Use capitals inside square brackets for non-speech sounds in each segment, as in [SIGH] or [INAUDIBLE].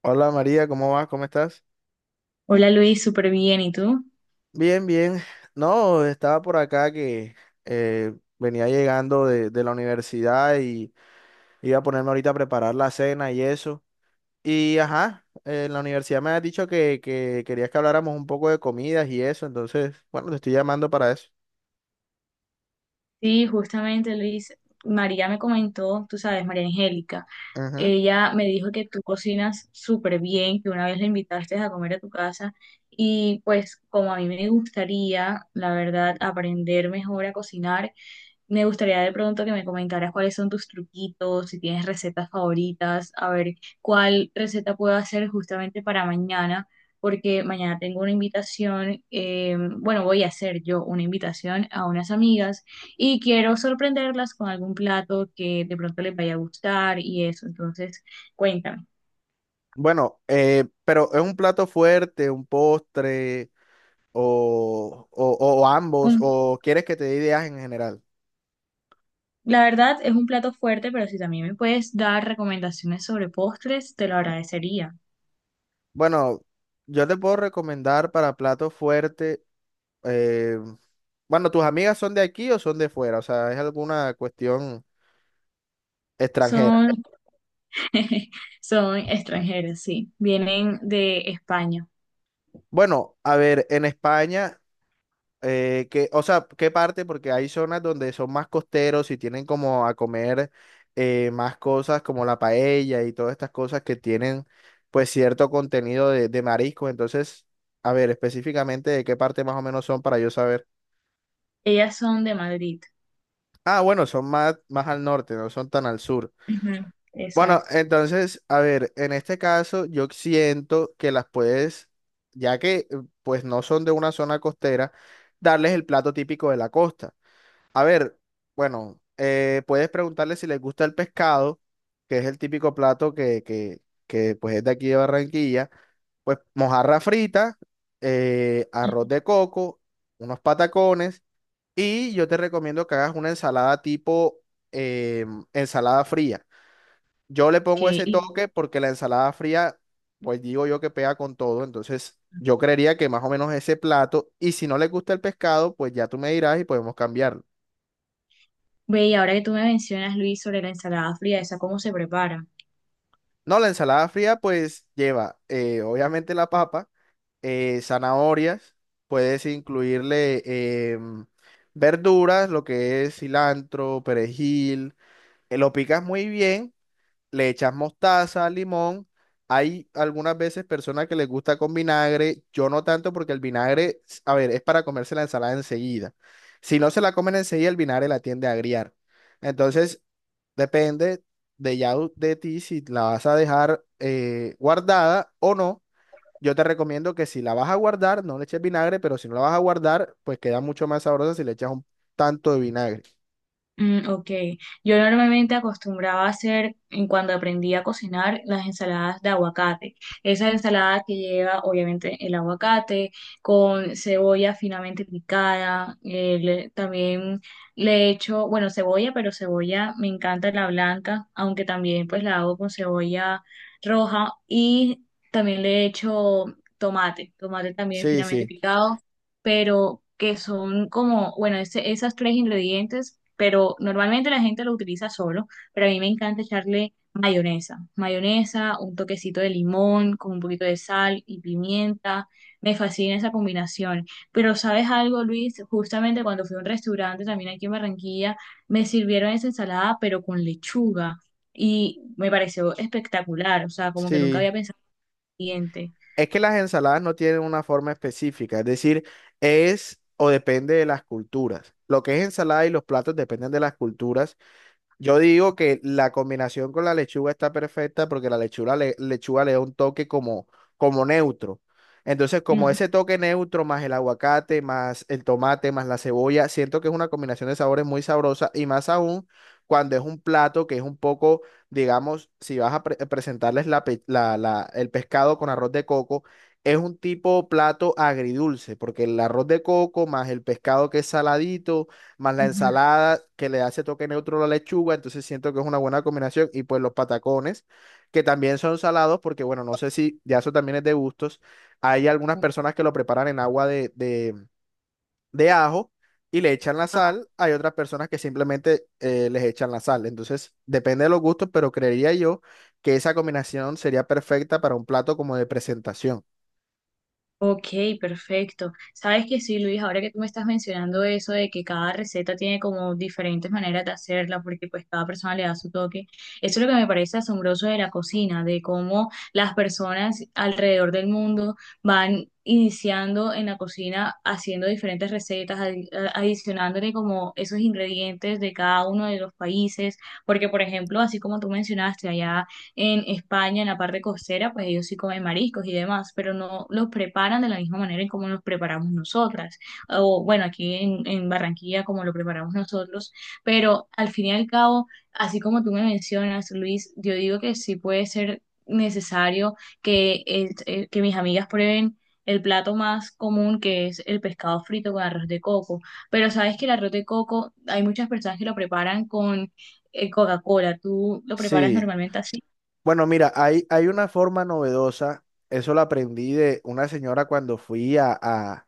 Hola María, ¿cómo vas? ¿Cómo estás? Hola Luis, súper bien. ¿Y tú? Bien, bien. No, estaba por acá que eh, venía llegando de la universidad y iba a ponerme ahorita a preparar la cena y eso. Y ajá, en la universidad me has dicho que querías que habláramos un poco de comidas y eso, entonces, bueno, te estoy llamando para eso. Sí, justamente Luis, María me comentó, tú sabes, María Angélica, Ujú. ella me dijo que tú cocinas súper bien, que una vez la invitaste a comer a tu casa y pues como a mí me gustaría, la verdad, aprender mejor a cocinar. Me gustaría de pronto que me comentaras cuáles son tus truquitos, si tienes recetas favoritas, a ver cuál receta puedo hacer justamente para mañana, porque mañana tengo una invitación, bueno, voy a hacer yo una invitación a unas amigas y quiero sorprenderlas con algún plato que de pronto les vaya a gustar y eso. Entonces, cuéntame. Bueno, pero ¿es un plato fuerte, un postre o, o ambos? Un- ¿O quieres que te dé ideas en general? la verdad es un plato fuerte, pero si también me puedes dar recomendaciones sobre postres, te lo agradecería. Bueno, yo te puedo recomendar para plato fuerte. eh, bueno, ¿tus amigas son de aquí o son de fuera? O sea, ¿es alguna cuestión extranjera? Son [LAUGHS] Son extranjeras, sí. Vienen de España. Bueno, a ver, en España, que, o sea, ¿qué parte? Porque hay zonas donde son más costeros y tienen como a comer, más cosas como la paella y todas estas cosas que tienen pues cierto contenido de mariscos. Entonces, a ver, específicamente de qué parte más o menos son para yo saber. Ellas son de Madrid. Ah, bueno, son más, más al norte, no son tan al sur. Ujú, Bueno, exacto. entonces, a ver, en este caso yo siento que las puedes, ya que pues no son de una zona costera, darles el plato típico de la costa. A ver, bueno, puedes preguntarles si les gusta el pescado, que es el típico plato que pues es de aquí de Barranquilla, pues mojarra frita, arroz de coco, unos patacones. Y yo te recomiendo que hagas una ensalada tipo eh, ensalada fría. Yo le pongo Ok. ese Y toque porque la ensalada fría, pues digo yo que pega con todo. Entonces, yo creería que más o menos ese plato. Y si no le gusta el pescado, pues ya tú me dirás y podemos cambiarlo. ve, y ahora que tú me mencionas, Luis, sobre la ensalada fría, ¿esa cómo se prepara? No, la ensalada fría, pues lleva obviamente la papa, zanahorias, puedes incluirle verduras, lo que es cilantro, perejil. Lo picas muy bien, le echas mostaza, limón. Hay algunas veces personas que les gusta con vinagre, yo no tanto porque el vinagre, a ver, es para comerse la ensalada enseguida. Si no se la comen enseguida, el vinagre la tiende a agriar. Entonces, depende de ti si la vas a dejar, guardada o no. Yo te recomiendo que si la vas a guardar, no le eches vinagre, pero si no la vas a guardar, pues queda mucho más sabrosa si le echas un tanto de vinagre. Mm, ok, yo normalmente acostumbraba a hacer, en cuando aprendí a cocinar, las ensaladas de aguacate. Esa ensalada que lleva obviamente el aguacate con cebolla finamente picada, también le echo, bueno, cebolla, pero cebolla me encanta la blanca, aunque también pues la hago con cebolla roja y también le echo tomate, tomate también Sí, finamente sí, picado, pero que son como, bueno, ese, esas tres ingredientes, pero normalmente la gente lo utiliza solo, pero a mí me encanta echarle mayonesa, mayonesa, un toquecito de limón con un poquito de sal y pimienta. Me fascina esa combinación. Pero ¿sabes algo, Luis? Justamente cuando fui a un restaurante también aquí en Barranquilla, me sirvieron esa ensalada, pero con lechuga. Y me pareció espectacular, o sea, como que nunca sí. había pensado en el siguiente. Es que las ensaladas no tienen una forma específica, es decir, es o depende de las culturas. Lo que es ensalada y los platos dependen de las culturas. Yo digo que la combinación con la lechuga está perfecta porque la lechuga le da un toque como, como neutro. Entonces, como ese Ujú, toque neutro más el aguacate, más el tomate, más la cebolla, siento que es una combinación de sabores muy sabrosa y más aún cuando es un plato que es un poco, digamos, si vas a presentarles la pe- la- la- el pescado con arroz de coco, es un tipo plato agridulce porque el arroz de coco más el pescado que es saladito más la ujú. ensalada que le hace toque neutro a la lechuga, entonces siento que es una buena combinación, y pues los patacones, que también son salados, porque bueno, no sé si ya eso también es de gustos, hay algunas Ujú. personas que lo preparan en agua de ajo y le echan la sal, hay otras personas que simplemente les echan la sal, entonces depende de los gustos, pero creería yo que esa combinación sería perfecta para un plato como de presentación. Ok, perfecto. Sabes que sí, Luis, ahora que tú me estás mencionando eso de que cada receta tiene como diferentes maneras de hacerla, porque pues cada persona le da su toque, eso es lo que me parece asombroso de la cocina, de cómo las personas alrededor del mundo van iniciando en la cocina haciendo diferentes recetas, adicionándole como esos ingredientes de cada uno de los países, porque por ejemplo, así como tú mencionaste, allá en España, en la parte costera, pues ellos sí comen mariscos y demás, pero no los preparan de la misma manera en como los preparamos nosotras, o bueno, aquí en Barranquilla como lo preparamos nosotros, pero al fin y al cabo, así como tú me mencionas, Luis, yo digo que sí puede ser necesario que mis amigas prueben el plato más común que es el pescado frito con arroz de coco. Pero sabes que el arroz de coco, hay muchas personas que lo preparan con Coca-Cola. ¿Tú lo preparas Sí. normalmente así? Bueno, mira, hay una forma novedosa, eso lo aprendí de una señora cuando fui a, a-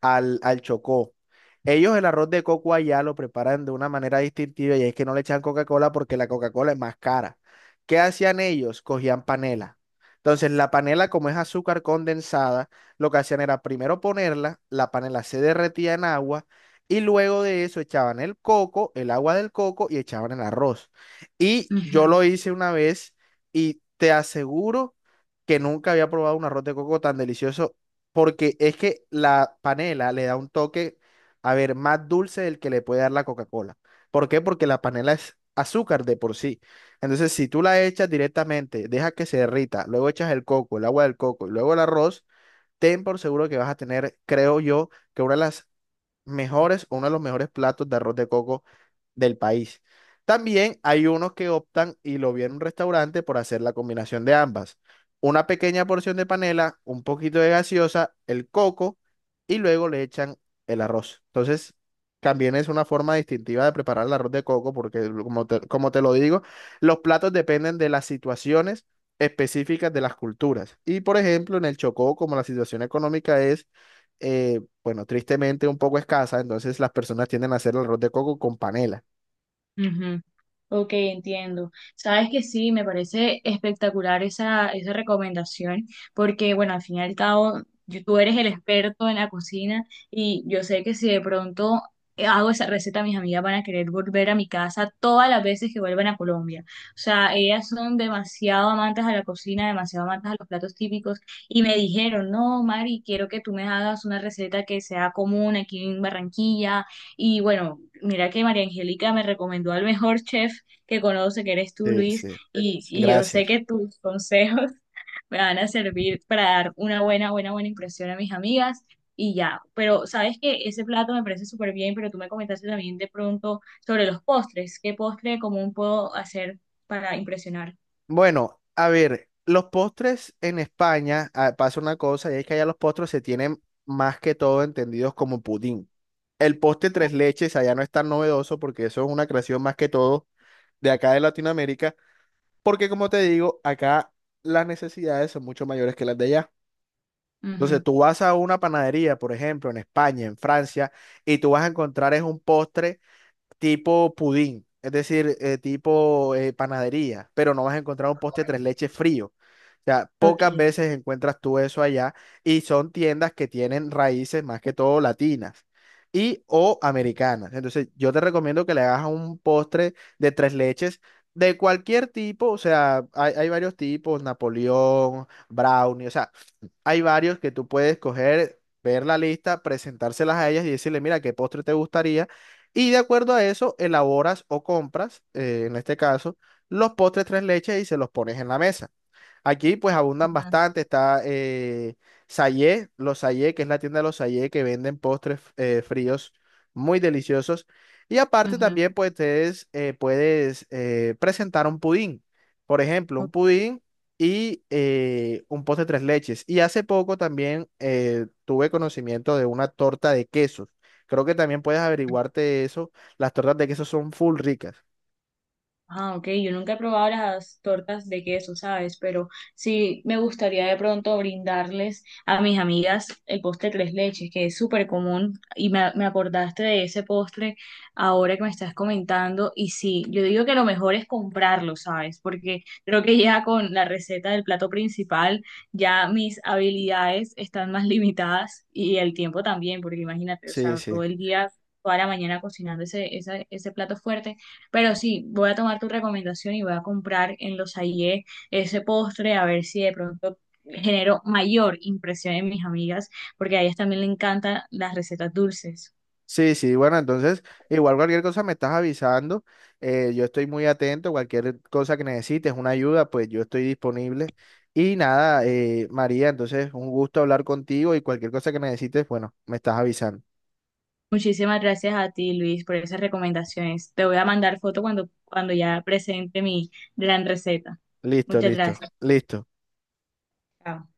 al, al Chocó. Ellos el arroz de coco allá lo preparan de una manera distintiva y es que no le echan Coca-Cola porque la Coca-Cola es más cara. ¿Qué hacían ellos? Cogían panela. Entonces la panela, como es azúcar condensada, lo que hacían era primero ponerla, la panela se derretía en agua y luego de eso echaban el coco, el agua del coco y echaban el arroz. Y yo Ujú, lo hice una vez y te aseguro que nunca había probado un arroz de coco tan delicioso porque es que la panela le da un toque, a ver, más dulce del que le puede dar la Coca-Cola. ¿Por qué? Porque la panela es azúcar de por sí. Entonces, si tú la echas directamente, dejas que se derrita, luego echas el coco, el agua del coco y luego el arroz, ten por seguro que vas a tener, creo yo, que una de las mejores, uno de los mejores platos de arroz de coco del país. También hay unos que optan, y lo vi en un restaurante, por hacer la combinación de ambas. Una pequeña porción de panela, un poquito de gaseosa, el coco, y luego le echan el arroz. Entonces, también es una forma distintiva de preparar el arroz de coco, porque como te lo digo, los platos dependen de las situaciones específicas de las culturas. Y por ejemplo, en el Chocó, como la situación económica es... eh, bueno, tristemente un poco escasa, entonces las personas tienden a hacer el arroz de coco con panela. ujú. Ok, entiendo. Sabes que sí, me parece espectacular esa recomendación, porque bueno, al fin y al cabo, tú eres el experto en la cocina y yo sé que si de pronto hago esa receta, mis amigas van a querer volver a mi casa todas las veces que vuelvan a Colombia. O sea, ellas son demasiado amantes a la cocina, demasiado amantes a los platos típicos y me dijeron, no, Mari, quiero que tú me hagas una receta que sea común aquí en Barranquilla. Y bueno, mira que María Angélica me recomendó al mejor [LAUGHS] chef que conoce, que eres tú, Sí, Luis, sí, y yo sé gracias. que tus consejos [LAUGHS] me van a servir para dar una buena, buena, buena impresión a mis amigas y ya. Pero sabes que ese plato me parece súper bien, pero tú me comentaste también de pronto sobre los postres. ¿Qué postre común puedo hacer para impresionar? Bueno, a ver, los postres en España, ah, pasa una cosa, y es que allá los postres se tienen más que todo entendidos como pudín. El postre Ah, tres leches allá no es tan novedoso porque eso es una creación más que todo de acá de Latinoamérica, porque como te digo, acá las necesidades son mucho mayores que las de allá. Entonces ujú. tú vas a una panadería, por ejemplo, en España, en Francia, y tú vas a encontrar es un postre tipo pudín, es decir, tipo panadería, pero no vas a encontrar un postre tres leches frío. O sea, Ok. pocas veces encuentras tú eso allá y son tiendas que tienen raíces más que todo latinas y o americanas. Entonces, yo te recomiendo que le hagas un postre de tres leches de cualquier tipo, o sea, hay varios tipos, Napoleón, brownie, o sea, hay varios que tú puedes coger, ver la lista, presentárselas a ellas y decirle, mira, qué postre te gustaría. Y de acuerdo a eso, elaboras o compras, en este caso, los postres tres leches y se los pones en la mesa. Aquí pues abundan bastante, está Sayé, los Sayé, que es la tienda de los Sayé, que venden postres fríos muy deliciosos. Y aparte Ujú, también pues ustedes puedes presentar un pudín, por ejemplo, ujú. un pudín y un postre tres leches. Y hace poco también tuve conocimiento de una torta de quesos. Creo que también puedes averiguarte eso. Las tortas de queso son full ricas. Ah, ok, yo nunca he probado las tortas de queso, ¿sabes? Pero sí me gustaría de pronto brindarles a mis amigas el postre tres leches, que es súper común y me acordaste de ese postre ahora que me estás comentando y sí, yo digo que lo mejor es comprarlo, ¿sabes? Porque creo que ya con la receta del plato principal ya mis habilidades están más [LAUGHS] limitadas y el tiempo también, porque imagínate, o Sí, sea, sí. todo el día, toda la mañana cocinando ese plato fuerte, pero sí, voy a tomar tu recomendación y voy a comprar en los Aie ese postre a ver si de pronto genero mayor impresión en mis amigas, porque a ellas también le encantan las recetas dulces. Sí, sí, bueno, entonces, igual cualquier cosa me estás avisando, yo estoy muy atento, cualquier cosa que necesites, una ayuda, pues yo estoy disponible. Y nada, María, entonces, un gusto hablar contigo y cualquier cosa que necesites, bueno, me estás avisando. Muchísimas gracias a ti, Luis, por esas recomendaciones. Te voy a mandar foto cuando ya presente mi gran receta. Listo, Muchas listo, gracias. listo. Chao.